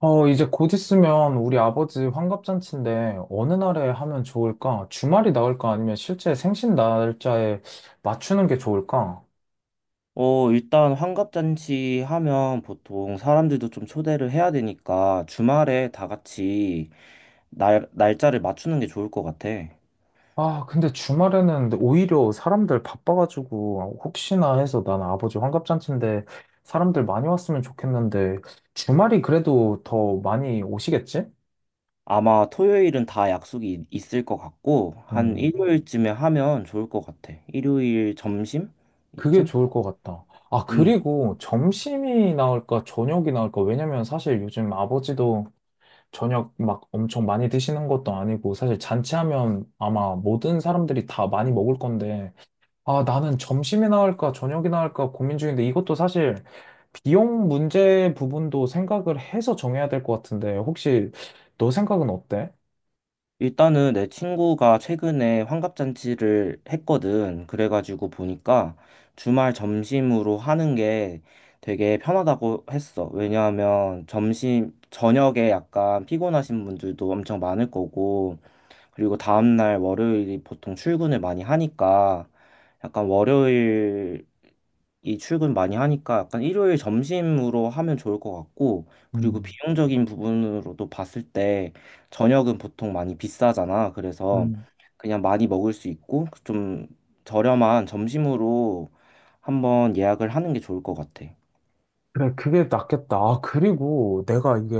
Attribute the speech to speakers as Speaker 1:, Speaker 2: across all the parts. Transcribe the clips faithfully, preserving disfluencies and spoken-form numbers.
Speaker 1: 어, 이제 곧 있으면 우리 아버지 환갑잔치인데 어느 날에 하면 좋을까? 주말이 나을까? 아니면 실제 생신 날짜에 맞추는 게 좋을까?
Speaker 2: 어, 일단 환갑잔치 하면 보통 사람들도 좀 초대를 해야 되니까 주말에 다 같이 날, 날짜를 맞추는 게 좋을 것 같아.
Speaker 1: 아, 근데 주말에는 오히려 사람들 바빠가지고 혹시나 해서 난 아버지 환갑잔치인데 사람들 많이 왔으면 좋겠는데 주말이 그래도 더 많이 오시겠지?
Speaker 2: 아마 토요일은 다 약속이 있- 있을 것 같고, 한 음.
Speaker 1: 음,
Speaker 2: 일요일쯤에 하면 좋을 것 같아. 일요일 점심?
Speaker 1: 그게
Speaker 2: 이쯤?
Speaker 1: 좋을 것 같다. 아,
Speaker 2: 음.
Speaker 1: 그리고 점심이 나올까? 저녁이 나올까? 왜냐면 사실 요즘 아버지도 저녁 막 엄청 많이 드시는 것도 아니고 사실 잔치하면 아마 모든 사람들이 다 많이 먹을 건데 아 나는 점심이나 할까 저녁이나 할까 고민 중인데 이것도 사실 비용 문제 부분도 생각을 해서 정해야 될 것 같은데 혹시 너 생각은 어때?
Speaker 2: 일단은 내 친구가 최근에 환갑잔치를 했거든. 그래가지고 보니까 주말 점심으로 하는 게 되게 편하다고 했어. 왜냐하면 점심, 저녁에 약간 피곤하신 분들도 엄청 많을 거고, 그리고 다음날 월요일이 보통 출근을 많이 하니까 약간 월요일 이 출근 많이 하니까 약간 일요일 점심으로 하면 좋을 것 같고, 그리고
Speaker 1: 음.
Speaker 2: 비용적인 부분으로도 봤을 때 저녁은 보통 많이 비싸잖아. 그래서
Speaker 1: 음.
Speaker 2: 그냥 많이 먹을 수 있고 좀 저렴한 점심으로 한번 예약을 하는 게 좋을 것 같아.
Speaker 1: 그래, 그게 낫겠다. 아, 그리고 내가 이게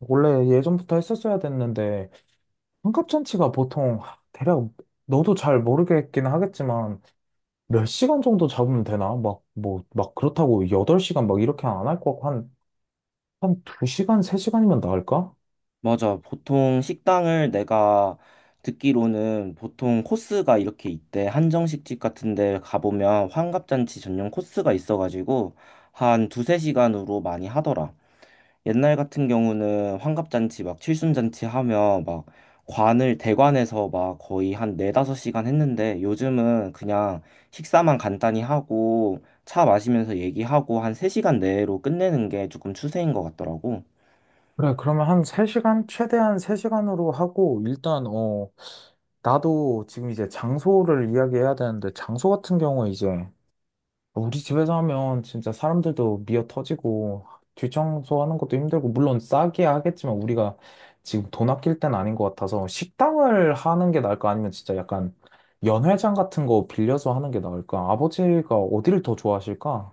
Speaker 1: 원래 예전부터 했었어야 됐는데 환갑잔치가 보통 대략 너도 잘 모르겠긴 하겠지만 몇 시간 정도 잡으면 되나? 막, 뭐, 막 그렇다고 여덟 시간 막 이렇게 안 할 것 같고, 한, 한 두 시간, 세 시간이면 나을까?
Speaker 2: 맞아. 보통 식당을 내가 듣기로는 보통 코스가 이렇게 있대. 한정식집 같은 데 가보면 환갑잔치 전용 코스가 있어가지고 한 두세 시간으로 많이 하더라. 옛날 같은 경우는 환갑잔치 막 칠순잔치 하면 막 관을 대관해서 막 거의 한 네다섯 시간 했는데 요즘은 그냥 식사만 간단히 하고 차 마시면서 얘기하고 한 세시간 내로 끝내는 게 조금 추세인 것 같더라고.
Speaker 1: 그래, 그러면 한 세 시간? 최대한 세 시간으로 하고, 일단, 어, 나도 지금 이제 장소를 이야기해야 되는데, 장소 같은 경우에 이제, 우리 집에서 하면 진짜 사람들도 미어 터지고 뒷청소하는 것도 힘들고 물론 싸게 하겠지만 우리가 지금 돈 아낄 땐 아닌 것 같아서 식당을 하는 게 나을까 아니면 진짜 약간 연회장 같은 거 빌려서 하는 게 나을까? 아버지가 어디를 더 좋아하실까?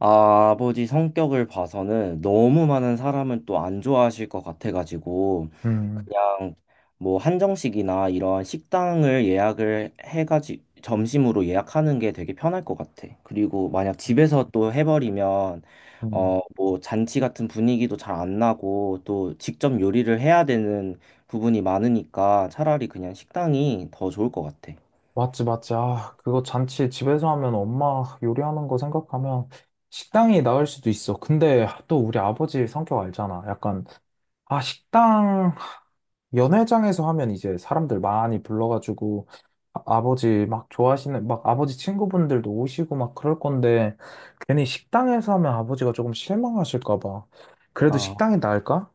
Speaker 2: 아, 버지 성격을 봐서는 너무 많은 사람을 또 안 좋아하실 것 같아가지고
Speaker 1: 음,
Speaker 2: 그냥 뭐 한정식이나 이런 식당을 예약을 해가지 점심으로 예약하는 게 되게 편할 것 같아. 그리고 만약 집에서 또 해버리면
Speaker 1: 음.
Speaker 2: 어, 뭐 잔치 같은 분위기도 잘 안 나고 또 직접 요리를 해야 되는 부분이 많으니까 차라리 그냥 식당이 더 좋을 것 같아.
Speaker 1: 맞지, 맞지. 아, 그거 잔치 집에서 하면 엄마 요리하는 거 생각하면 식당이 나을 수도 있어. 근데 또 우리 아버지 성격 알잖아. 약간, 아, 식당 연회장에서 하면 이제 사람들 많이 불러가지고 아, 버지막 좋아하시는 막 아버지 친구분들도 오시고 막 그럴 건데 괜히 식당에서 하면 아버지가 조금 실망하실까 봐. 그래도
Speaker 2: 아.
Speaker 1: 식당이 나을까?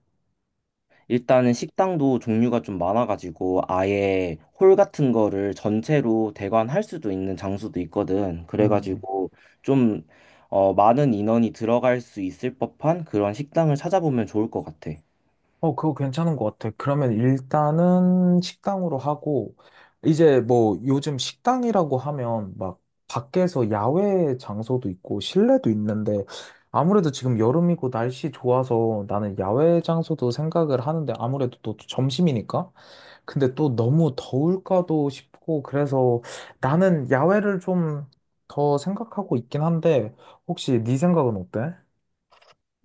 Speaker 2: 일단은 식당도 종류가 좀 많아가지고 아예 홀 같은 거를 전체로 대관할 수도 있는 장소도 있거든.
Speaker 1: 음.
Speaker 2: 그래가지고 좀 어, 많은 인원이 들어갈 수 있을 법한 그런 식당을 찾아보면 좋을 것 같아.
Speaker 1: 어, 그거 괜찮은 것 같아. 그러면 일단은 식당으로 하고, 이제 뭐 요즘 식당이라고 하면 막 밖에서 야외 장소도 있고 실내도 있는데 아무래도 지금 여름이고 날씨 좋아서 나는 야외 장소도 생각을 하는데 아무래도 또 점심이니까? 근데 또 너무 더울까도 싶고 그래서 나는 야외를 좀 더 생각하고 있긴 한데 혹시 네 생각은 어때?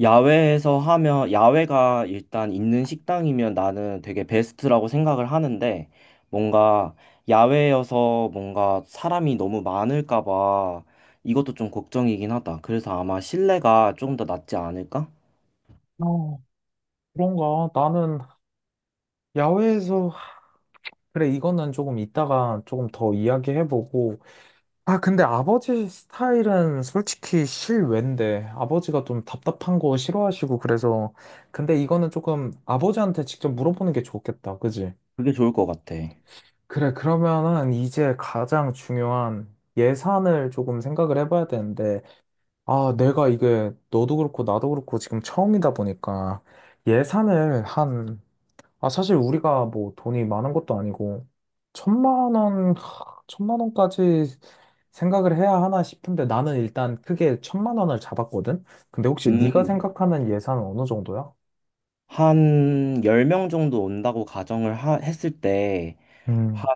Speaker 2: 야외에서 하면 야외가 일단 있는 식당이면 나는 되게 베스트라고 생각을 하는데 뭔가 야외여서 뭔가 사람이 너무 많을까 봐 이것도 좀 걱정이긴 하다. 그래서 아마 실내가 좀 더 낫지 않을까?
Speaker 1: 어, 그런가? 나는 야외에서 그래, 이거는 조금 이따가 조금 더 이야기해보고. 아, 근데 아버지 스타일은 솔직히 실외인데, 아버지가 좀 답답한 거 싫어하시고, 그래서. 근데 이거는 조금 아버지한테 직접 물어보는 게 좋겠다, 그지?
Speaker 2: 그게 좋을 것 같아.
Speaker 1: 그래, 그러면은 이제 가장 중요한 예산을 조금 생각을 해봐야 되는데, 아, 내가 이게 너도 그렇고 나도 그렇고 지금 처음이다 보니까 예산을 한 아, 사실 우리가 뭐 돈이 많은 것도 아니고, 천만 원, 하, 천만 원까지 생각을 해야 하나 싶은데 나는 일단 크게 천만 원을 잡았거든? 근데 혹시 네가
Speaker 2: 음,
Speaker 1: 생각하는 예산은 어느 정도야?
Speaker 2: 한 열 명 정도 온다고 가정을 하- 했을 때,
Speaker 1: 음,
Speaker 2: 한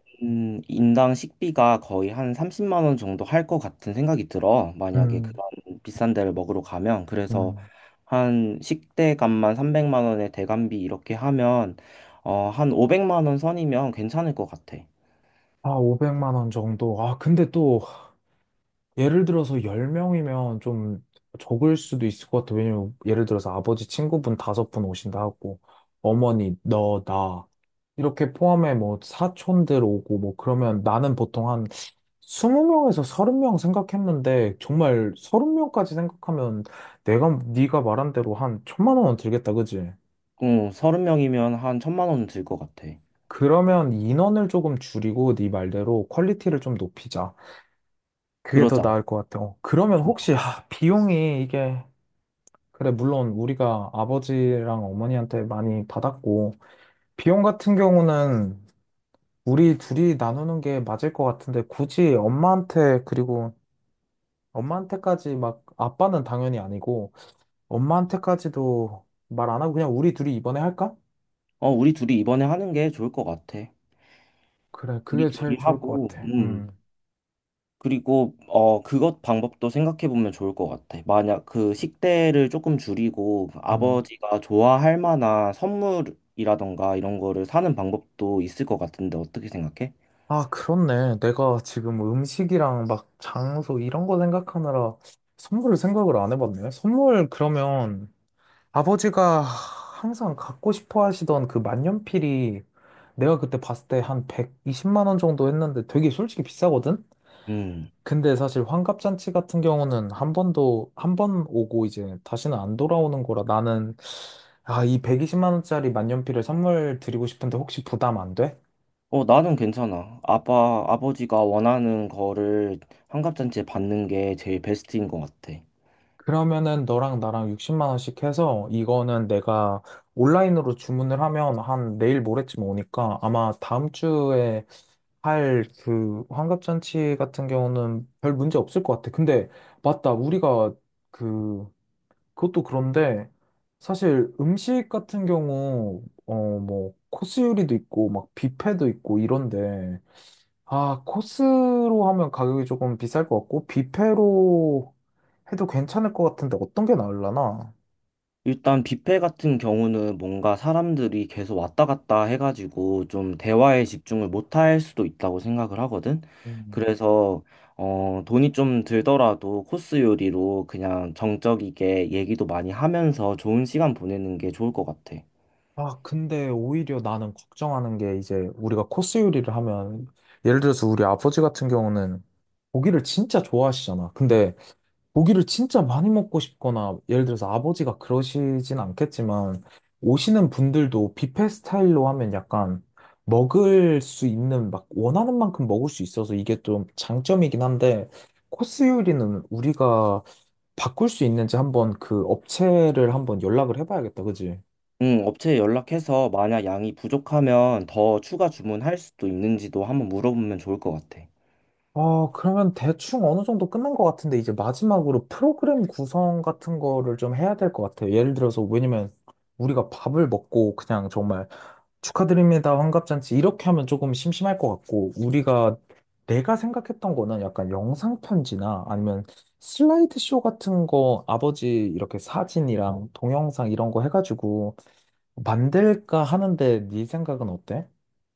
Speaker 2: 인당 식비가 거의 한 삼십만 원 정도 할 것 같은 생각이 들어. 만약에
Speaker 1: 음,
Speaker 2: 그런 비싼 데를 먹으러 가면. 그래서
Speaker 1: 음.
Speaker 2: 한 식대값만 삼백만 원에 대관비 이렇게 하면, 어, 한 오백만 원 선이면 괜찮을 것 같아.
Speaker 1: 아, 오백만 원 정도. 아, 근데 또 예를 들어서 열 명이면 좀 적을 수도 있을 것 같아. 왜냐면 예를 들어서 아버지 친구분 다섯 분 오신다 하고, 어머니, 너, 나. 이렇게 포함해 뭐 사촌들 오고 뭐 그러면 나는 보통 한 스무 명에서 서른 명 생각했는데 정말 서른 명까지 생각하면 내가 네가 말한 대로 한 천만 원은 들겠다, 그지?
Speaker 2: 응, 서른 명이면 한 천만 원 들 것 같아.
Speaker 1: 그러면 인원을 조금 줄이고 네 말대로 퀄리티를 좀 높이자. 그게 더
Speaker 2: 그러자.
Speaker 1: 나을 것 같아. 어, 그러면 혹시 아, 비용이 이게 그래, 물론 우리가 아버지랑 어머니한테 많이 받았고, 비용 같은 경우는 우리 둘이 나누는 게 맞을 것 같은데, 굳이 엄마한테, 그리고 엄마한테까지 막, 아빠는 당연히 아니고, 엄마한테까지도 말 안 하고 그냥 우리 둘이 이번에 할까?
Speaker 2: 어, 우리 둘이 이번에 하는 게 좋을 것 같아.
Speaker 1: 그래,
Speaker 2: 우리
Speaker 1: 그게 제일
Speaker 2: 둘이
Speaker 1: 좋을 것
Speaker 2: 하고,
Speaker 1: 같아. 음,
Speaker 2: 음. 그리고 어 그것 방법도 생각해 보면 좋을 것 같아. 만약 그 식대를 조금 줄이고
Speaker 1: 음.
Speaker 2: 아버지가 좋아할 만한 선물이라던가 이런 거를 사는 방법도 있을 것 같은데 어떻게 생각해?
Speaker 1: 아, 그렇네. 내가 지금 음식이랑 막 장소 이런 거 생각하느라 선물을 생각을 안 해봤네. 선물 그러면 아버지가 항상 갖고 싶어 하시던 그 만년필이 내가 그때 봤을 때 한 백이십만 원 정도 했는데 되게 솔직히 비싸거든?
Speaker 2: 음.
Speaker 1: 근데 사실 환갑잔치 같은 경우는 한 번도, 한 번 오고 이제 다시는 안 돌아오는 거라 나는, 아, 이 백이십만 원짜리 만년필을 선물 드리고 싶은데 혹시 부담 안 돼?
Speaker 2: 어, 나는 괜찮아. 아빠 아버지가 원하는 거를 환갑잔치에 받는 게 제일 베스트인 것 같아.
Speaker 1: 그러면은 너랑 나랑 육십만 원씩 해서 이거는 내가 온라인으로 주문을 하면 한 내일 모레쯤 오니까 아마 다음 주에 할 그, 환갑잔치 같은 경우는 별 문제 없을 것 같아. 근데, 맞다. 우리가, 그, 그것도 그런데, 사실 음식 같은 경우, 어, 뭐, 코스 요리도 있고, 막, 뷔페도 있고, 이런데, 아, 코스로 하면 가격이 조금 비쌀 것 같고, 뷔페로 해도 괜찮을 것 같은데, 어떤 게나을라나
Speaker 2: 일단 뷔페 같은 경우는 뭔가 사람들이 계속 왔다 갔다 해가지고 좀 대화에 집중을 못할 수도 있다고 생각을 하거든. 그래서 어, 돈이 좀 들더라도 코스 요리로 그냥 정적이게 얘기도 많이 하면서 좋은 시간 보내는 게 좋을 것 같아.
Speaker 1: 아, 근데 오히려 나는 걱정하는 게 이제 우리가 코스 요리를 하면 예를 들어서 우리 아버지 같은 경우는 고기를 진짜 좋아하시잖아. 근데 고기를 진짜 많이 먹고 싶거나 예를 들어서 아버지가 그러시진 않겠지만 오시는 분들도 뷔페 스타일로 하면 약간 먹을 수 있는 막 원하는 만큼 먹을 수 있어서 이게 좀 장점이긴 한데 코스 요리는 우리가 바꿀 수 있는지 한번 그 업체를 한번 연락을 해봐야겠다. 그지?
Speaker 2: 음, 업체에 연락해서 만약 양이 부족하면 더 추가 주문할 수도 있는지도 한번 물어보면 좋을 것 같아.
Speaker 1: 어, 그러면 대충 어느 정도 끝난 것 같은데, 이제 마지막으로 프로그램 구성 같은 거를 좀 해야 될 것 같아요. 예를 들어서, 왜냐면 우리가 밥을 먹고 그냥 정말 축하드립니다, 환갑잔치 이렇게 하면 조금 심심할 것 같고, 우리가 내가 생각했던 거는 약간 영상편지나 아니면 슬라이드 쇼 같은 거 아버지 이렇게 사진이랑 동영상 이런 거 해가지고 만들까 하는데, 네 생각은 어때?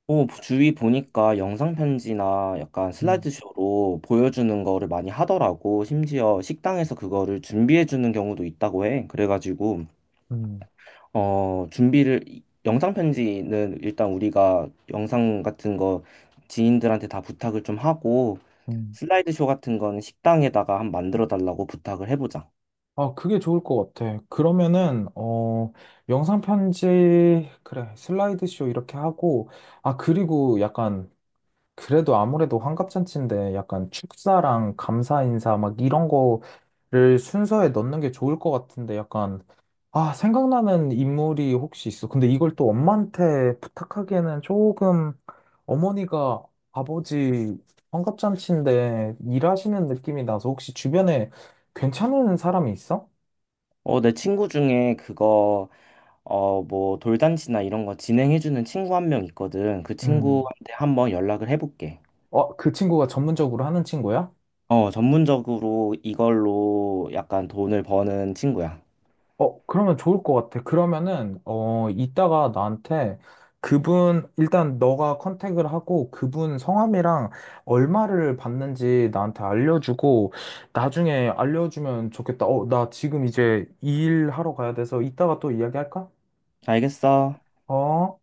Speaker 2: 또 주위 보니까 영상 편지나 약간
Speaker 1: 음,
Speaker 2: 슬라이드쇼로 보여주는 거를 많이 하더라고. 심지어 식당에서 그거를 준비해 주는 경우도 있다고 해. 그래가지고
Speaker 1: 음,
Speaker 2: 어 준비를 영상 편지는 일단 우리가 영상 같은 거 지인들한테 다 부탁을 좀 하고
Speaker 1: 음.
Speaker 2: 슬라이드쇼 같은 거는 식당에다가 한 만들어 달라고 부탁을 해보자.
Speaker 1: 아, 그게 좋을 것 같아. 그러면은, 어, 영상 편지, 그래, 슬라이드쇼 이렇게 하고, 아, 그리고 약간, 그래도 아무래도 환갑잔치인데, 약간 축사랑 감사 인사 막 이런 거를 순서에 넣는 게 좋을 것 같은데, 약간, 아, 생각나는 인물이 혹시 있어. 근데 이걸 또 엄마한테 부탁하기에는 조금, 어머니가 아버지 환갑잔치인데, 일하시는 느낌이 나서 혹시 주변에 괜찮은 사람이 있어?
Speaker 2: 어 내 친구 중에 그거 어 뭐 돌잔치나 이런 거 진행해 주는 친구 한 명 있거든. 그
Speaker 1: 음.
Speaker 2: 친구한테 한번 연락을 해볼게.
Speaker 1: 어, 그 친구가 전문적으로 하는 친구야?
Speaker 2: 어, 전문적으로 이걸로 약간 돈을 버는 친구야.
Speaker 1: 어, 그러면 좋을 것 같아. 그러면은, 어, 이따가 나한테 그분, 일단 너가 컨택을 하고 그분 성함이랑 얼마를 받는지 나한테 알려주고 나중에 알려주면 좋겠다. 어, 나 지금 이제 일하러 가야 돼서 이따가 또 이야기할까?
Speaker 2: 알겠어.
Speaker 1: 어?